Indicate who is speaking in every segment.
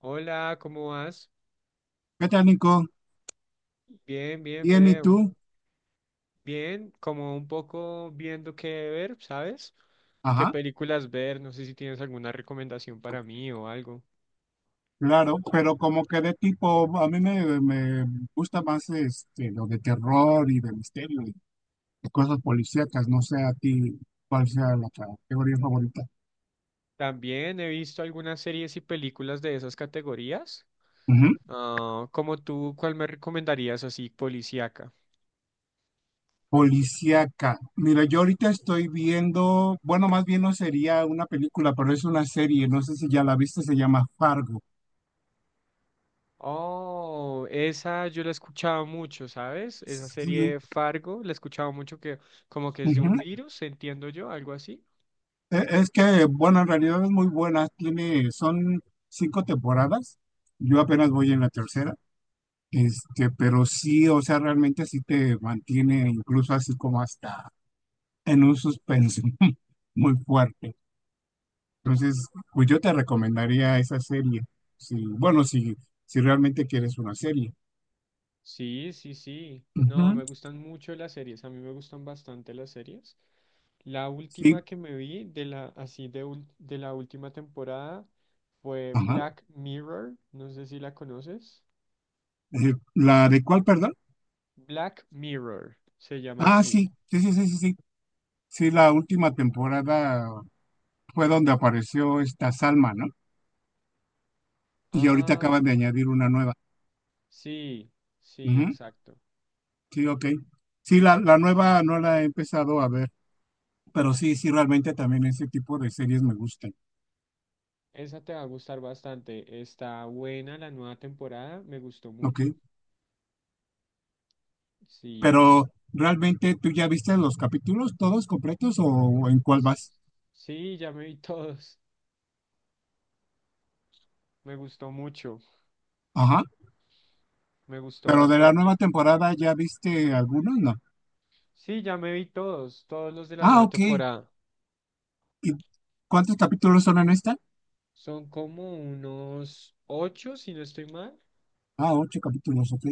Speaker 1: Hola, ¿cómo vas?
Speaker 2: ¿Qué tal, Nico?
Speaker 1: Bien, bien,
Speaker 2: Bien, ¿y
Speaker 1: Fede.
Speaker 2: tú?
Speaker 1: Bien, como un poco viendo qué ver, ¿sabes? ¿Qué
Speaker 2: Ajá,
Speaker 1: películas ver? No sé si tienes alguna recomendación para mí o algo.
Speaker 2: claro, pero como que de tipo, a mí me gusta más lo de terror y de misterio y de cosas policíacas, no sé a ti cuál sea la categoría favorita.
Speaker 1: También he visto algunas series y películas de esas categorías.
Speaker 2: Ujú.
Speaker 1: Ah, como tú, ¿cuál me recomendarías así, policíaca?
Speaker 2: Policíaca. Mira, yo ahorita estoy viendo, bueno, más bien no sería una película, pero es una serie, no sé si ya la viste, se llama Fargo.
Speaker 1: Oh, esa yo la he escuchado mucho, ¿sabes? Esa
Speaker 2: Sí,
Speaker 1: serie Fargo, la he escuchado mucho que como que es de
Speaker 2: ujú.
Speaker 1: un virus, entiendo yo, algo así.
Speaker 2: Es que, bueno, en realidad es muy buena. Son cinco temporadas. Yo apenas voy en la tercera. Pero sí, o sea, realmente sí te mantiene incluso así como hasta en un suspenso muy fuerte. Entonces, pues yo te recomendaría esa serie. Sí, bueno, si realmente quieres una serie.
Speaker 1: Sí, sí, sí.
Speaker 2: Ujú,
Speaker 1: No, me gustan mucho las series. A mí me gustan bastante las series. La
Speaker 2: sí,
Speaker 1: última que me vi de la, así de, ul- de la última temporada fue
Speaker 2: ajá.
Speaker 1: Black Mirror. No sé si la conoces.
Speaker 2: ¿La de cuál, perdón?
Speaker 1: Black Mirror se llama
Speaker 2: Ah,
Speaker 1: así.
Speaker 2: sí, sí, sí, sí, sí, sí. Sí, la última temporada fue donde apareció esta Salma, ¿no? Y ahorita
Speaker 1: Ah,
Speaker 2: acaban de añadir una nueva.
Speaker 1: sí, sí,
Speaker 2: Ujú,
Speaker 1: exacto.
Speaker 2: sí, ok. Sí, la nueva no la he empezado a ver, pero sí, sí, realmente también ese tipo de series me gustan.
Speaker 1: Esa te va a gustar bastante. Está buena la nueva temporada. Me gustó
Speaker 2: Ok.
Speaker 1: mucho. Sí.
Speaker 2: ¿Pero realmente tú ya viste los capítulos todos completos o en cuál vas?
Speaker 1: Sí, ya me vi todos. Me gustó mucho.
Speaker 2: Ajá.
Speaker 1: Me gustó
Speaker 2: ¿Pero de la
Speaker 1: bastante.
Speaker 2: nueva temporada ya viste algunos, no?
Speaker 1: Sí, ya me vi todos, todos los de la
Speaker 2: Ah,
Speaker 1: nueva
Speaker 2: ok.
Speaker 1: temporada.
Speaker 2: ¿Y cuántos capítulos son en esta?
Speaker 1: Son como unos ocho, si no estoy mal,
Speaker 2: Ah, ocho capítulos, ok.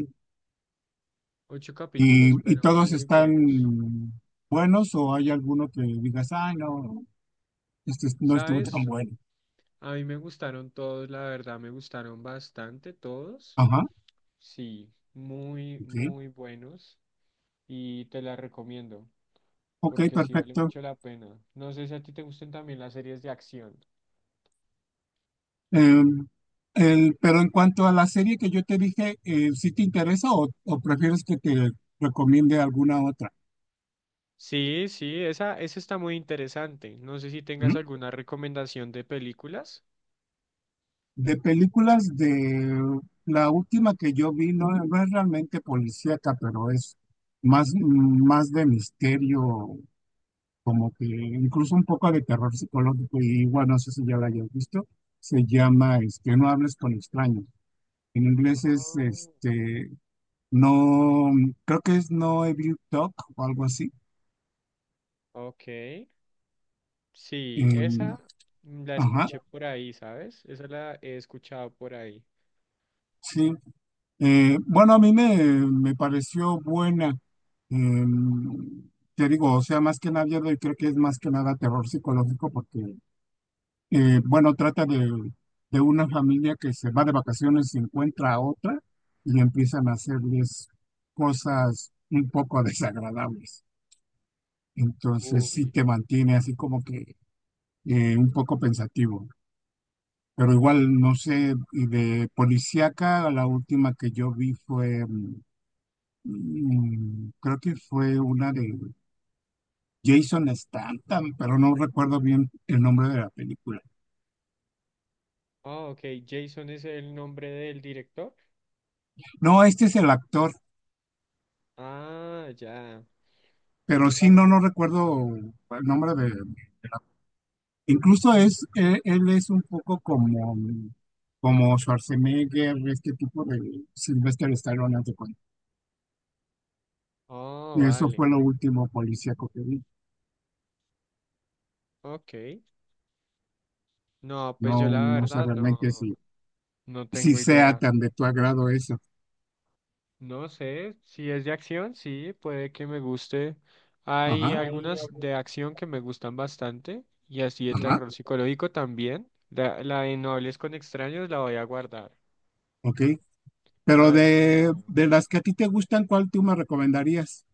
Speaker 1: ocho
Speaker 2: ¿Y,
Speaker 1: capítulos,
Speaker 2: y
Speaker 1: pero
Speaker 2: todos
Speaker 1: muy
Speaker 2: están
Speaker 1: buenos.
Speaker 2: buenos o hay alguno que digas, ay, no, este no estuvo tan
Speaker 1: ¿Sabes?
Speaker 2: bueno?
Speaker 1: A mí me gustaron todos, la verdad, me gustaron bastante todos.
Speaker 2: Ajá.
Speaker 1: Sí, muy,
Speaker 2: Sí,
Speaker 1: muy buenos y te la recomiendo
Speaker 2: ok,
Speaker 1: porque sí vale
Speaker 2: perfecto.
Speaker 1: mucho la pena. No sé si a ti te gusten también las series de acción.
Speaker 2: Em, pero en cuanto a la serie que yo te dije, ¿sí te interesa o prefieres que te recomiende alguna otra?
Speaker 1: Sí, sí, esa está muy interesante. No sé si tengas
Speaker 2: ¿Mm?
Speaker 1: alguna recomendación de películas.
Speaker 2: De películas, de la última que yo vi, no, no es realmente policíaca, pero es más de misterio, como que incluso un poco de terror psicológico, y igual no sé si ya la hayas visto, se llama No hables con extraños. En inglés es
Speaker 1: Ah,
Speaker 2: no, creo que es No Evil Talk o algo así.
Speaker 1: ok, sí,
Speaker 2: Eh,
Speaker 1: esa la
Speaker 2: ajá,
Speaker 1: escuché por ahí, ¿sabes? Esa la he escuchado por ahí.
Speaker 2: sí. Bueno, a mí me pareció buena. Eh, Te digo, o sea, más que nada, yo creo que es más que nada terror psicológico porque, bueno, trata de una familia que se va de vacaciones y encuentra a otra y empiezan a hacerles cosas un poco desagradables. Entonces, sí
Speaker 1: Ubi.
Speaker 2: te mantiene así como que un poco pensativo. Pero igual, no sé, y de policíaca, la última que yo vi fue, creo que fue una de Jason Statham, pero no recuerdo bien el nombre de la película.
Speaker 1: Ah, ok, Jason es el nombre del director.
Speaker 2: No, este es el actor,
Speaker 1: Ah, ya.
Speaker 2: pero
Speaker 1: Yo
Speaker 2: sí,
Speaker 1: sabes,
Speaker 2: no, no
Speaker 1: no.
Speaker 2: recuerdo el nombre de la- Incluso él es un poco como, como Schwarzenegger, este tipo de Sylvester Stallone, haz de cuenta.
Speaker 1: Ah,
Speaker 2: Eso
Speaker 1: vale.
Speaker 2: fue lo último policíaco que vi.
Speaker 1: Ok. No, pues
Speaker 2: No,
Speaker 1: yo la
Speaker 2: no sé
Speaker 1: verdad
Speaker 2: realmente si
Speaker 1: no, no
Speaker 2: si
Speaker 1: tengo
Speaker 2: sea
Speaker 1: idea.
Speaker 2: tan de tu agrado eso.
Speaker 1: No sé, si es de acción, sí, puede que me guste. Hay
Speaker 2: Ajá, ay,
Speaker 1: algunas de acción que me gustan bastante y así de
Speaker 2: ajá,
Speaker 1: terror psicológico también. La de No hables con extraños la voy a guardar.
Speaker 2: ok.
Speaker 1: A
Speaker 2: Pero
Speaker 1: ver si me la
Speaker 2: de,
Speaker 1: veo.
Speaker 2: de las que a ti te gustan, ¿cuál tú me recomendarías?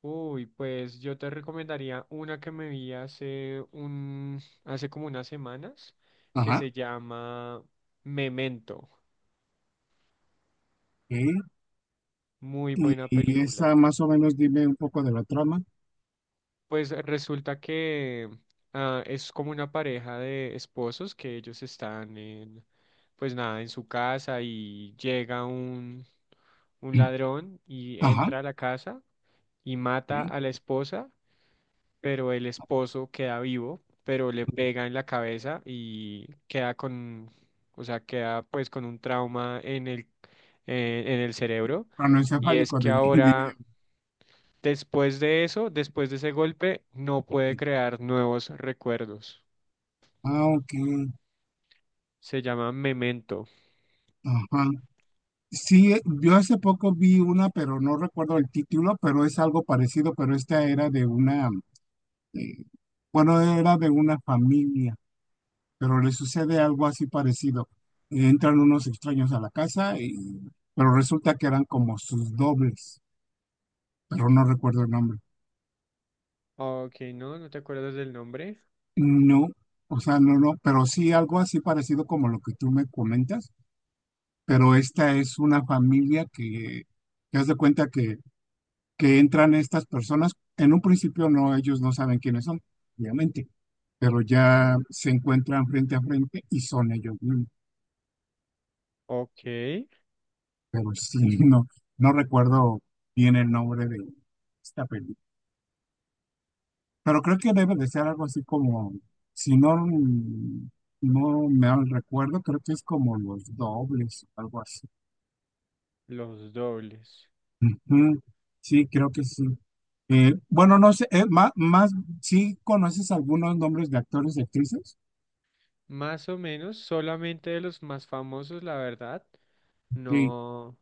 Speaker 1: Uy, pues yo te recomendaría una que me vi hace como unas semanas, que
Speaker 2: Ajá,
Speaker 1: se llama Memento.
Speaker 2: ok.
Speaker 1: Muy
Speaker 2: Y,
Speaker 1: buena
Speaker 2: y
Speaker 1: película.
Speaker 2: esa más o menos dime un poco de la trama.
Speaker 1: Pues resulta que es como una pareja de esposos que ellos están en, pues nada, en su casa y llega un ladrón y
Speaker 2: Ajá,
Speaker 1: entra a la casa y mata a
Speaker 2: ok.
Speaker 1: la esposa, pero el esposo queda vivo, pero le pega en la cabeza y o sea, queda pues con un trauma en en el cerebro. Y es
Speaker 2: Cronoencefálico
Speaker 1: que
Speaker 2: del
Speaker 1: ahora
Speaker 2: .
Speaker 1: Después de eso, después de ese golpe, no puede crear nuevos recuerdos.
Speaker 2: Ah, ok.
Speaker 1: Se llama memento.
Speaker 2: Ajá. Sí, yo hace poco vi una, pero no recuerdo el título, pero es algo parecido, pero esta eh, bueno, era de una familia. Pero le sucede algo así parecido. Entran unos extraños a la casa, pero resulta que eran como sus dobles, pero no recuerdo el nombre.
Speaker 1: Ok, no, no te acuerdas del nombre.
Speaker 2: No, o sea, no, no, pero sí algo así parecido como lo que tú me comentas, pero esta es una familia que haz de cuenta que entran estas personas, en un principio no, ellos no saben quiénes son, obviamente, pero ya se encuentran frente a frente y son ellos mismos.
Speaker 1: Ok,
Speaker 2: Pero sí, no, no recuerdo bien el nombre de esta película. Pero creo que debe de ser algo así como, si no, no me mal recuerdo, creo que es como los dobles, algo así.
Speaker 1: los dobles.
Speaker 2: Ujú, sí, creo que sí. Bueno, no sé, más, ¿sí conoces algunos nombres de actores y actrices?
Speaker 1: Más o menos, solamente de los más famosos, la verdad.
Speaker 2: Ok.
Speaker 1: No,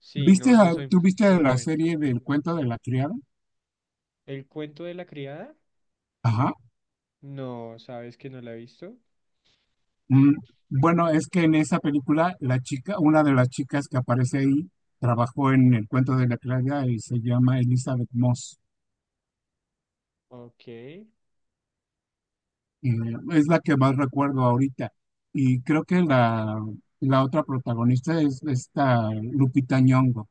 Speaker 1: sí,
Speaker 2: ¿Viste,
Speaker 1: no, no
Speaker 2: a-
Speaker 1: soy
Speaker 2: tú viste
Speaker 1: muy
Speaker 2: la
Speaker 1: bueno.
Speaker 2: serie del cuento de la criada?
Speaker 1: ¿El cuento de la criada?
Speaker 2: Ajá.
Speaker 1: No, ¿sabes que no la he visto?
Speaker 2: Mm, Bueno, es que en esa película, la chica, una de las chicas que aparece ahí, trabajó en El Cuento de la Criada y se llama Elizabeth Moss.
Speaker 1: Ok,
Speaker 2: Eh, es la que más recuerdo ahorita. Y creo que la otra protagonista es esta Lupita Nyong'o.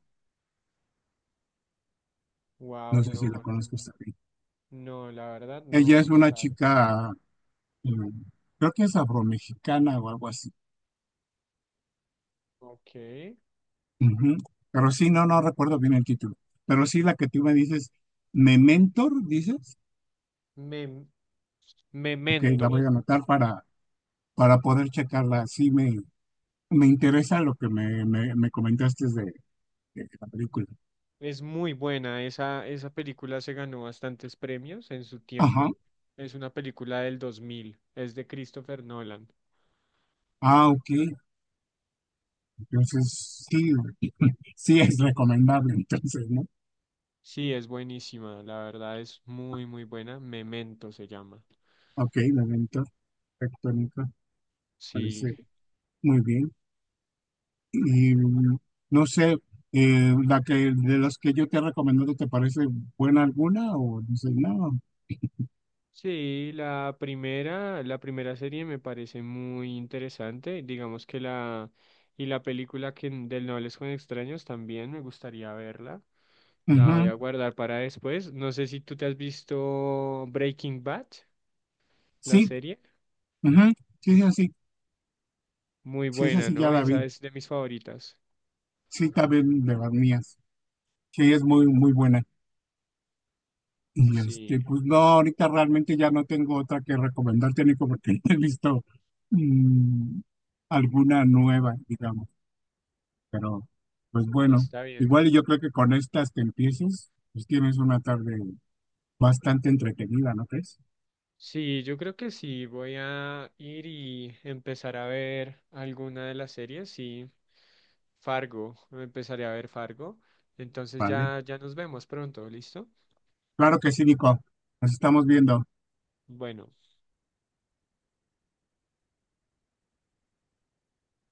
Speaker 1: wow,
Speaker 2: No sé si la
Speaker 1: no,
Speaker 2: conozcas también.
Speaker 1: no, la verdad
Speaker 2: Ella es
Speaker 1: no,
Speaker 2: una
Speaker 1: ¿sabes?
Speaker 2: chica, eh, creo que es afromexicana o algo así.
Speaker 1: Ok.
Speaker 2: Ujú. Pero sí, no, no recuerdo bien el título. Pero sí, la que tú me dices, Mentor, dices.
Speaker 1: Me,
Speaker 2: Ok, la
Speaker 1: Memento.
Speaker 2: voy a anotar para poder checarla. Sí, me interesa lo que me comentaste de la película.
Speaker 1: Es muy buena. Esa película se ganó bastantes premios en su
Speaker 2: Ajá.
Speaker 1: tiempo. Es una película del 2000. Es de Christopher Nolan.
Speaker 2: Ah, ok. Entonces, sí, sí es recomendable, entonces, ¿no?
Speaker 1: Sí, es buenísima. La verdad es muy, muy buena. Memento se llama.
Speaker 2: Ok, momento tectónica,
Speaker 1: Sí.
Speaker 2: parece muy bien. Y no sé, la que de las que yo te he recomendado, ¿te parece buena alguna o dices, no?
Speaker 1: Sí, la primera serie me parece muy interesante. Digamos que y la película que, del No hables con extraños también me gustaría verla. La
Speaker 2: Ujú,
Speaker 1: voy a guardar para después. No sé si tú te has visto Breaking Bad, la
Speaker 2: sí,
Speaker 1: serie.
Speaker 2: ujú, sí es así,
Speaker 1: Muy
Speaker 2: sí es
Speaker 1: buena,
Speaker 2: así, ya
Speaker 1: ¿no?
Speaker 2: la
Speaker 1: Esa
Speaker 2: vi.
Speaker 1: es de mis favoritas.
Speaker 2: Sí, también de las mías. Sí, es muy, muy buena. Y
Speaker 1: Sí,
Speaker 2: pues no, ahorita realmente ya no tengo otra que recomendarte, Nico, porque no he visto mm, alguna nueva, digamos. Pero, pues bueno,
Speaker 1: está bien.
Speaker 2: igual y yo creo que con estas que empieces, pues tienes una tarde bastante entretenida, ¿no crees?
Speaker 1: Sí, yo creo que sí. Voy a ir y empezar a ver alguna de las series. Sí, Fargo. Empezaré a ver Fargo. Entonces
Speaker 2: Vale.
Speaker 1: ya nos vemos pronto, ¿listo?
Speaker 2: Claro que sí, Nico. Nos estamos viendo.
Speaker 1: Bueno.